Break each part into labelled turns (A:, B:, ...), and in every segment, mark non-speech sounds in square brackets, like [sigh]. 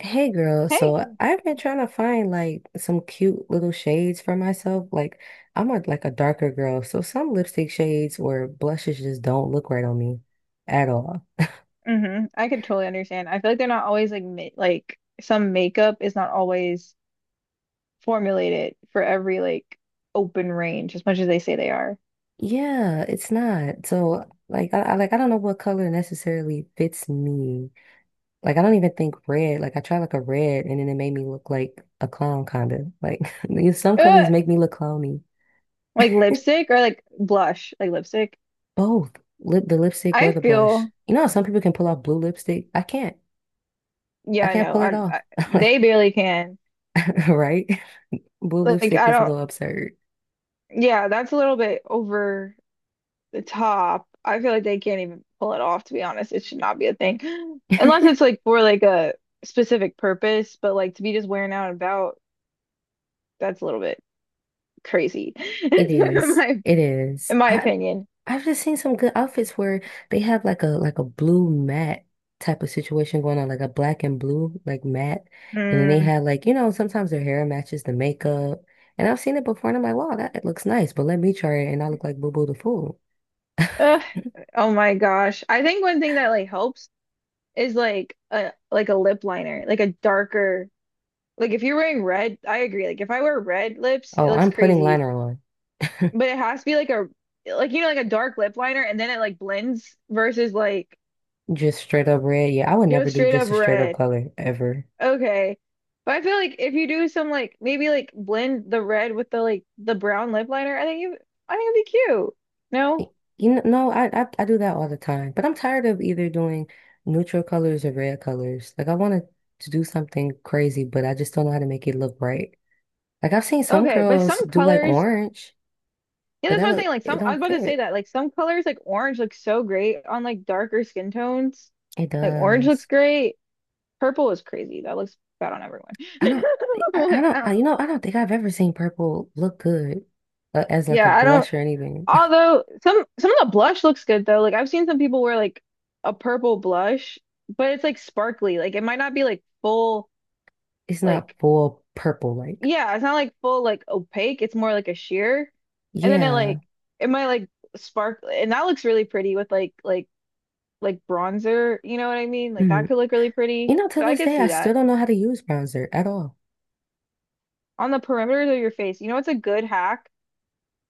A: Hey girl, so
B: Hey.
A: I've been trying to find like some cute little shades for myself. Like I'm a darker girl, so some lipstick shades or blushes just don't look right on me at all.
B: I could totally understand. I feel like they're not always like some makeup is not always formulated for every like open range as much as they say they are.
A: Yeah, it's not. So like I don't know what color necessarily fits me. Like I don't even think red. Like I tried like a red and then it made me look like a clown kind of. Like [laughs] some colors
B: Ugh!
A: make me look clowny.
B: Like lipstick or like blush, like lipstick.
A: Both lip the lipstick or
B: I
A: the blush.
B: feel
A: You know how some people can pull off blue lipstick? I can't. I
B: Yeah, I
A: can't
B: know.
A: pull it
B: I,
A: off.
B: I
A: [laughs] Like,
B: they barely can.
A: [laughs] right? Blue
B: Like
A: lipstick
B: I
A: is a
B: don't.
A: little absurd.
B: Yeah, that's a little bit over the top. I feel like they can't even pull it off. To be honest, it should not be a thing, [gasps] unless it's
A: [laughs]
B: like for like a specific purpose. But like to be just wearing out and about, that's a little bit crazy [laughs]
A: It
B: in
A: is.
B: my
A: It is.
B: in my
A: I
B: opinion.
A: I've just seen some good outfits where they have like a blue matte type of situation going on, like a black and blue like matte, and then they
B: Mm.
A: have like you know sometimes their hair matches the makeup, and I've seen it before, and I'm like, wow, that it looks nice, but let me try it, and I look like Boo Boo the fool. [laughs]
B: Ugh. Oh my gosh. I think one thing that like helps is like a lip liner, like a darker, like if you're wearing red, I agree. Like if I wear red lips, it
A: Oh,
B: looks
A: I'm putting
B: crazy.
A: liner on, [laughs]
B: But it has to be like a, like you know, like a dark lip liner, and then it like blends versus like
A: just straight up red. Yeah, I would
B: go
A: never do
B: straight up
A: just a straight up
B: red.
A: color ever.
B: Okay. But I feel like if you do some like maybe like blend the red with the like the brown lip liner, I think it'd be cute. No?
A: You know, no, I do that all the time, but I'm tired of either doing neutral colors or red colors. Like I wanted to do something crazy, but I just don't know how to make it look right. Like I've seen some
B: Okay. But
A: girls
B: some
A: do like
B: colors
A: orange,
B: Yeah,
A: but
B: that's
A: that
B: what I'm saying.
A: look
B: Like
A: it
B: some I was
A: don't
B: about to say
A: fit.
B: that. Like some colors like orange looks so great on like darker skin tones.
A: It
B: Like orange looks
A: does.
B: great. Purple is crazy. That looks bad on everyone.
A: I
B: [laughs]
A: don't. I
B: Like,
A: don't.
B: I don't
A: I,
B: know
A: you know,
B: about
A: I
B: purple.
A: don't think I've ever seen purple look good as like a
B: Yeah, I don't
A: blush or anything. [laughs]
B: Although some of the blush looks good though. Like I've seen some people wear like a purple blush, but it's like sparkly. Like it might not be like full
A: It's not
B: like,
A: full purple like.
B: yeah, it's not like full like opaque. It's more like a sheer. And then it
A: Yeah.
B: like, it might like spark and that looks really pretty with like bronzer, you know what I mean? Like that
A: Mm.
B: could look really
A: You
B: pretty.
A: know, till
B: So I
A: this
B: could
A: day, I
B: see
A: still
B: that.
A: don't know how to use bronzer at all.
B: On the perimeters of your face. You know what's a good hack?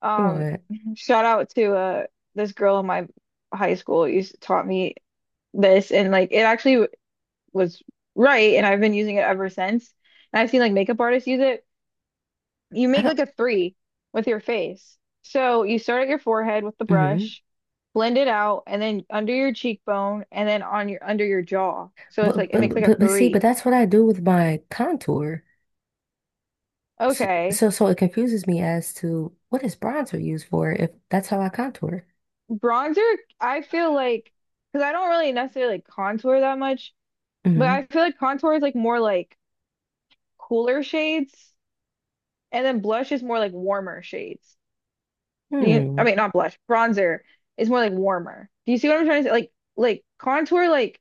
B: Um
A: What?
B: [laughs] shout out to this girl in my high school who used taught me this, and like it actually was right, and I've been using it ever since. And I've seen like makeup artists use it. You
A: I
B: make
A: don't.
B: like a three with your face. So you start at your forehead with the
A: Mhm.
B: brush, blend it out, and then under your cheekbone and then on your under your jaw. So it's like it makes like a
A: But see, but
B: three.
A: that's what I do with my contour. So
B: Okay.
A: so, so it confuses me as to what is bronzer used for if that's how I contour.
B: Bronzer, I feel like, because I don't really necessarily like contour that much, but
A: Hmm
B: I feel like contour is like more like cooler shades, and then blush is more like warmer shades. Do you, I
A: Hmm.
B: mean, Not blush, bronzer is more like warmer. Do you see what I'm trying to say? Like contour like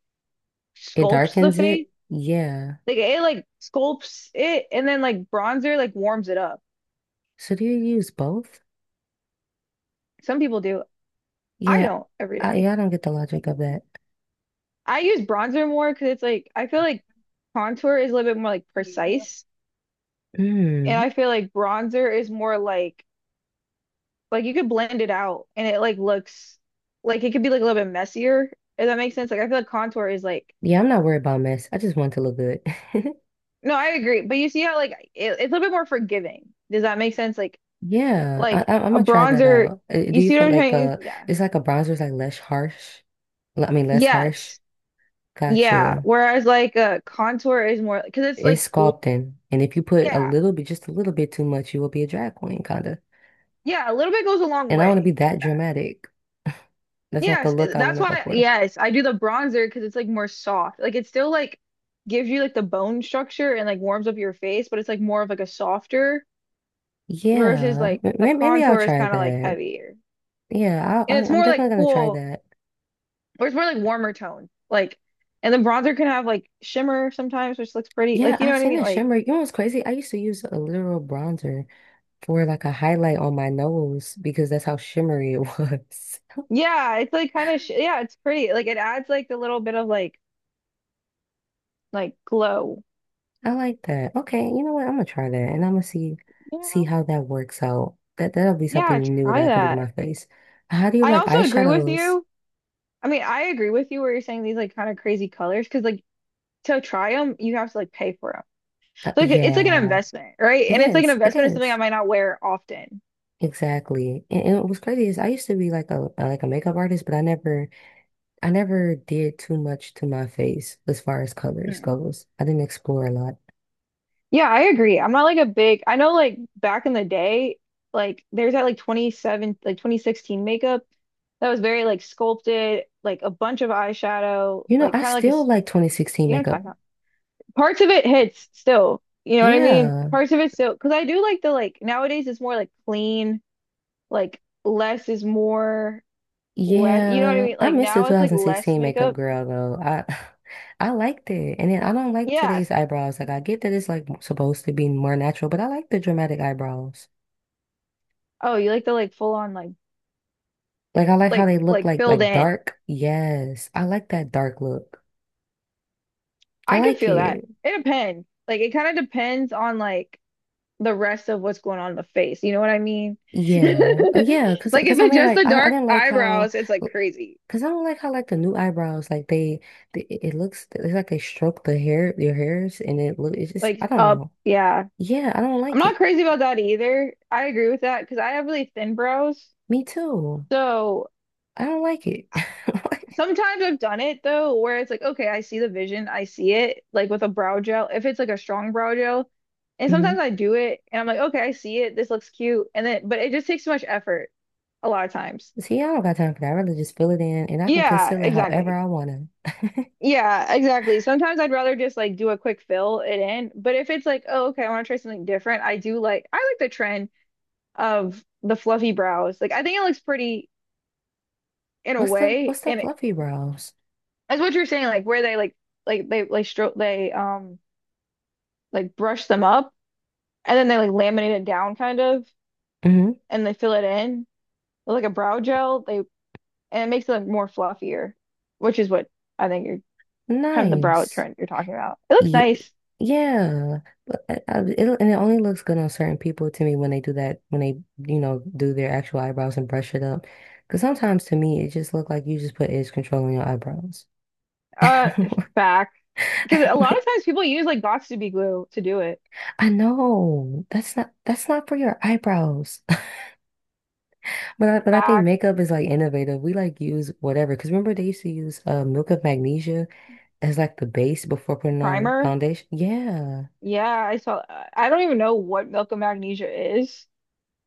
A: It
B: sculpts the
A: darkens
B: face.
A: it. Yeah.
B: Like it like sculpts it and then like bronzer like warms it up.
A: So do you use both?
B: Some people do. I
A: Yeah.
B: don't every day.
A: I don't get the logic of that.
B: I use bronzer more because it's like, I feel like contour is a little bit more like precise, and
A: Mm.
B: I feel like bronzer is more like you could blend it out and it like looks like it could be like a little bit messier. If that makes sense. Like I feel like contour is like,
A: Yeah, I'm not worried about mess. I just want to look good. [laughs]
B: no, I agree. But you see how like it's a little bit more forgiving. Does that make sense? Like
A: Yeah,
B: like
A: I'm
B: a
A: gonna try that
B: bronzer,
A: out. Do
B: you
A: you
B: see
A: feel
B: what I'm
A: like
B: trying to, yeah.
A: it's like a bronzer is like less harsh? I mean, less harsh.
B: Yes.
A: Got
B: Yeah.
A: you.
B: Whereas like a contour is more because it's like
A: It's
B: cool.
A: sculpting. And if you put a
B: Yeah.
A: little bit, just a little bit too much, you will be a drag queen, kind of.
B: Yeah, a little bit goes a long
A: And I want to be
B: way.
A: that dramatic. [laughs] That's not the
B: Yes,
A: look I want
B: that's
A: to go
B: why,
A: for.
B: yes, I do the bronzer because it's like more soft. Like it still like gives you like the bone structure and like warms up your face, but it's like more of like a softer versus
A: Yeah,
B: like the
A: maybe I'll
B: contour is
A: try
B: kind of like
A: that.
B: heavier.
A: Yeah,
B: And it's
A: I'm
B: more like
A: definitely gonna try
B: cool,
A: that.
B: or it's more like warmer tone. Like, and the bronzer can have like shimmer sometimes, which looks pretty.
A: Yeah,
B: Like, you know
A: I've
B: what I
A: seen
B: mean?
A: a
B: Like,
A: shimmer. You know what's crazy? I used to use a literal bronzer for like a highlight on my nose because that's how shimmery it was. [laughs]
B: yeah, it's like kind of, sh yeah, it's pretty. Like, it adds like the little bit of like glow,
A: I like that. Okay, you know what? I'm gonna try that and I'm gonna see
B: you
A: see
B: know?
A: how that works out. That'll be
B: Yeah,
A: something new that
B: try
A: I can do to
B: that.
A: my face. How do you
B: I
A: like
B: also agree with
A: eyeshadows?
B: you. I mean, I agree with you where you're saying these like kind of crazy colors, because like to try them, you have to like pay for them. So like, it's like an
A: Yeah,
B: investment, right?
A: it
B: And it's like an
A: is. It
B: investment of something I
A: is.
B: might not wear often.
A: Exactly. And what's crazy is I used to be like a makeup artist, but I never did too much to my face as far as colors goes. I didn't explore a lot.
B: Yeah, I agree. I'm not like a big, I know like back in the day, like there's that like 27, like 2016 makeup that was very like sculpted, like a bunch of eyeshadow,
A: You know,
B: like
A: I
B: kind of
A: still like 2016
B: you know what I'm
A: makeup.
B: talking about. Parts of it hits still, you know what I mean?
A: Yeah.
B: Parts of it still, because I do like the like nowadays it's more like clean, like less is more, less, you know what I
A: Yeah,
B: mean?
A: I
B: Like
A: missed the
B: now it's like less
A: 2016 makeup
B: makeup.
A: girl though. I [laughs] I liked it. And then I don't like today's
B: Yes.
A: eyebrows. Like I get that it's like supposed to be more natural, but I like the dramatic eyebrows.
B: Oh, you like the like full on
A: Like I like how they look
B: like filled
A: like
B: in.
A: dark. Yes. I like that dark look. I
B: I can
A: like
B: feel that.
A: it.
B: It depends. Like it kind of depends on like the rest of what's going on in the face. You know what I mean? [laughs]
A: Yeah. Yeah, cuz
B: Like if
A: cuz I
B: it's
A: mean
B: just
A: like
B: the
A: I I
B: dark
A: didn't like how
B: eyebrows, it's like crazy.
A: cuz I don't like how like the new eyebrows like they it it looks it's like they stroke the hair your hairs and it look it's just I
B: Like
A: don't
B: uh
A: know.
B: yeah.
A: Yeah, I don't
B: I'm
A: like
B: not
A: it.
B: crazy about that either. I agree with that because I have really thin brows.
A: Me too.
B: So
A: I don't like it.
B: I-
A: [laughs]
B: sometimes I've done it though, where it's like, okay, I see the vision, I see it, like with a brow gel, if it's like a strong brow gel. And
A: Hmm.
B: sometimes I do it and I'm like, okay, I see it, this looks cute. And then but it just takes too much effort a lot of times.
A: See, I don't got time for that. I'd rather just fill it in and I can
B: Yeah,
A: conceal it however
B: exactly.
A: I want to.
B: Yeah, exactly. Sometimes I'd rather just like do a quick fill it in. But if it's like, oh, okay, I want to try something different, I do like, I like the trend of the fluffy brows. Like I think it looks pretty in a
A: What's the
B: way.
A: what's the
B: And it,
A: fluffy brows?
B: that's what you're saying, like where they like they like stroke they like brush them up and then they like laminate it down kind of
A: Hmm.
B: and they fill it in with like a brow gel. They And it makes it look more fluffier, which is what I think you're kind of the brow
A: Nice.
B: trend you're talking about. It looks
A: Yeah,
B: nice.
A: yeah. But and it only looks good on certain people to me when they do that, you know, do their actual eyebrows and brush it up. Because sometimes to me, it just look like you just put edge control on your eyebrows.
B: Uh,
A: [laughs]
B: Back. Because a lot of times people use like Boxy glue to do it.
A: I know. That's not for your eyebrows. But I think
B: Back
A: makeup is like innovative. We like use whatever. Because remember they used to use milk of magnesia as like the base before putting on
B: primer.
A: foundation. Yeah,
B: Yeah, I saw. I don't even know what milk of magnesia is.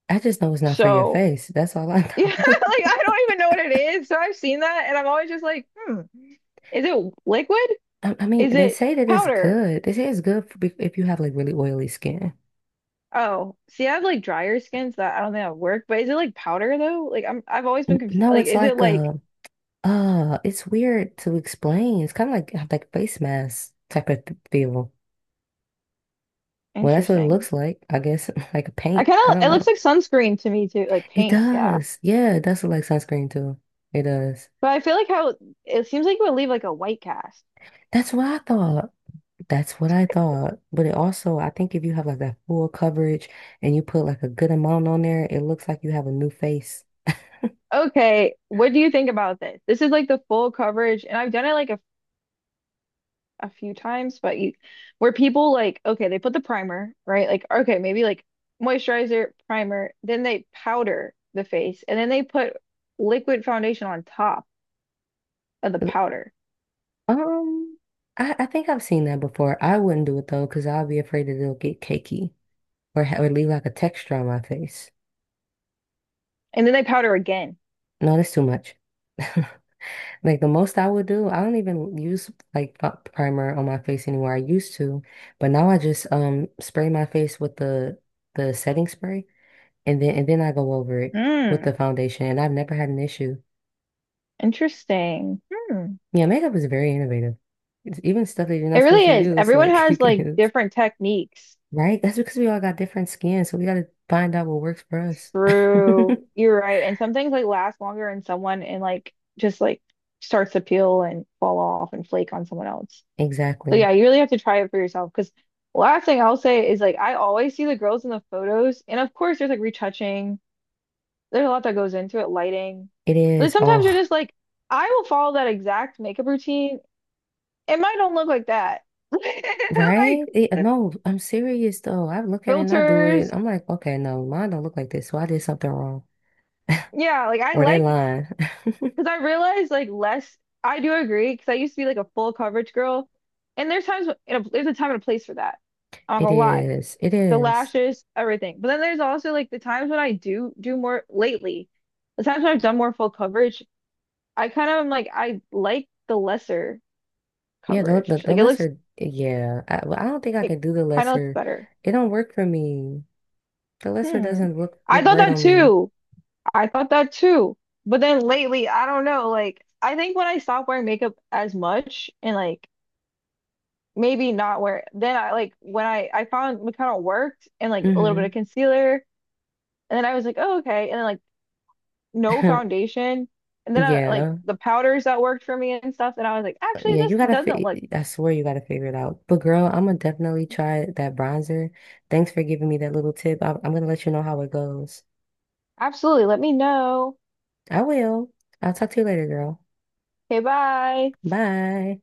A: I just know it's not for your
B: So
A: face. That's all I
B: yeah, [laughs] like
A: know.
B: I don't even know what it is. So I've seen that, and I'm always just like, hmm, is it liquid?
A: [laughs] I mean,
B: Is
A: they
B: it
A: say that it's
B: powder?
A: good. They say it's good for, if you have like really oily skin.
B: Oh, see, I have like drier skins that I don't think that would work. But is it like powder though? Like I'm, I've always been confused.
A: No,
B: Like,
A: it's
B: is it
A: like
B: like
A: a it's weird to explain. It's kind of like face mask type of feel. Well, that's what it
B: interesting?
A: looks like, I guess, [laughs] like a
B: I
A: paint.
B: kind
A: I
B: of,
A: don't
B: it looks
A: know.
B: like sunscreen to me too, like
A: It
B: paint. Yeah.
A: does. Yeah, it does look like sunscreen too. It does.
B: But I feel like how it seems like it would leave like a white cast.
A: That's what I thought. That's what I thought. But it also, I think if you have like that full coverage and you put like a good amount on there, it looks like you have a new face.
B: Okay, what do you think about this? This is like the full coverage, and I've done it like a few times, but you, where people like, okay, they put the primer, right? Like, okay, maybe like moisturizer, primer, then they powder the face, and then they put liquid foundation on top of the
A: Uh,
B: powder,
A: Um, I think I've seen that before. I wouldn't do it though, because I'll be afraid that it'll get cakey or leave like a texture on my face.
B: and then they powder again.
A: No, that's too much. [laughs] Like the most I would do, I don't even use like primer on my face anymore. I used to, but now I just spray my face with the setting spray and then I go over it with the
B: Hmm,
A: foundation and I've never had an issue.
B: interesting. Hmm.
A: Yeah, makeup is very innovative. It's even stuff that you're
B: It
A: not supposed
B: really
A: to
B: is.
A: use,
B: Everyone
A: like [laughs] you
B: has
A: can
B: like
A: use.
B: different techniques.
A: Right? That's because we all got different skin, so we gotta find out what works for us.
B: True.
A: [laughs]
B: You're right. And some things like last longer in someone and like just like starts to peel and fall off and flake on someone else. So
A: Exactly.
B: yeah, you really have to try it for yourself. Because last thing I'll say is like I always see the girls in the photos, and of course there's like retouching. There's a lot that goes into it, lighting.
A: It
B: But
A: is.
B: sometimes you're
A: Oh.
B: just like, I will follow that exact makeup routine. It might don't look like that. [laughs]
A: Right? It,
B: Like
A: no, I'm serious though. I look at it and I do it.
B: filters.
A: I'm like, okay, no, mine don't look like this, so I did something wrong.
B: Yeah, like I
A: Or they
B: like
A: lying. [laughs]
B: because I realized like less, I do agree. Because I used to be like a full coverage girl, and there's a time and a place for that. I'm not
A: It
B: gonna lie.
A: is. It
B: The
A: is.
B: lashes, everything. But then there's also like the times when I do do more lately. The times when I've done more full coverage, I kind of am like I like the lesser
A: Yeah,
B: coverage.
A: the
B: Like it looks,
A: lesser. Yeah, I, well, I don't think I
B: it
A: can do the
B: kind of looks
A: lesser.
B: better.
A: It don't work for me. The lesser
B: Hmm.
A: doesn't
B: I
A: look
B: thought
A: right
B: that
A: on me.
B: too. I thought that too. But then lately, I don't know. Like I think when I stopped wearing makeup as much and like maybe not wear, then I like when I found McConnell worked and like a little bit of
A: Hmm.
B: concealer and then I was like oh okay and then like no
A: [laughs]
B: foundation and then I like
A: Yeah.
B: the powders that worked for me and stuff and I was like actually
A: Yeah,
B: this
A: you gotta
B: doesn't look
A: fi I swear you gotta figure it out. But girl, I'm gonna definitely try that bronzer. Thanks for giving me that little tip. I'm gonna let you know how it goes.
B: absolutely let me know
A: I will. I'll talk to you later, girl.
B: okay bye
A: Bye.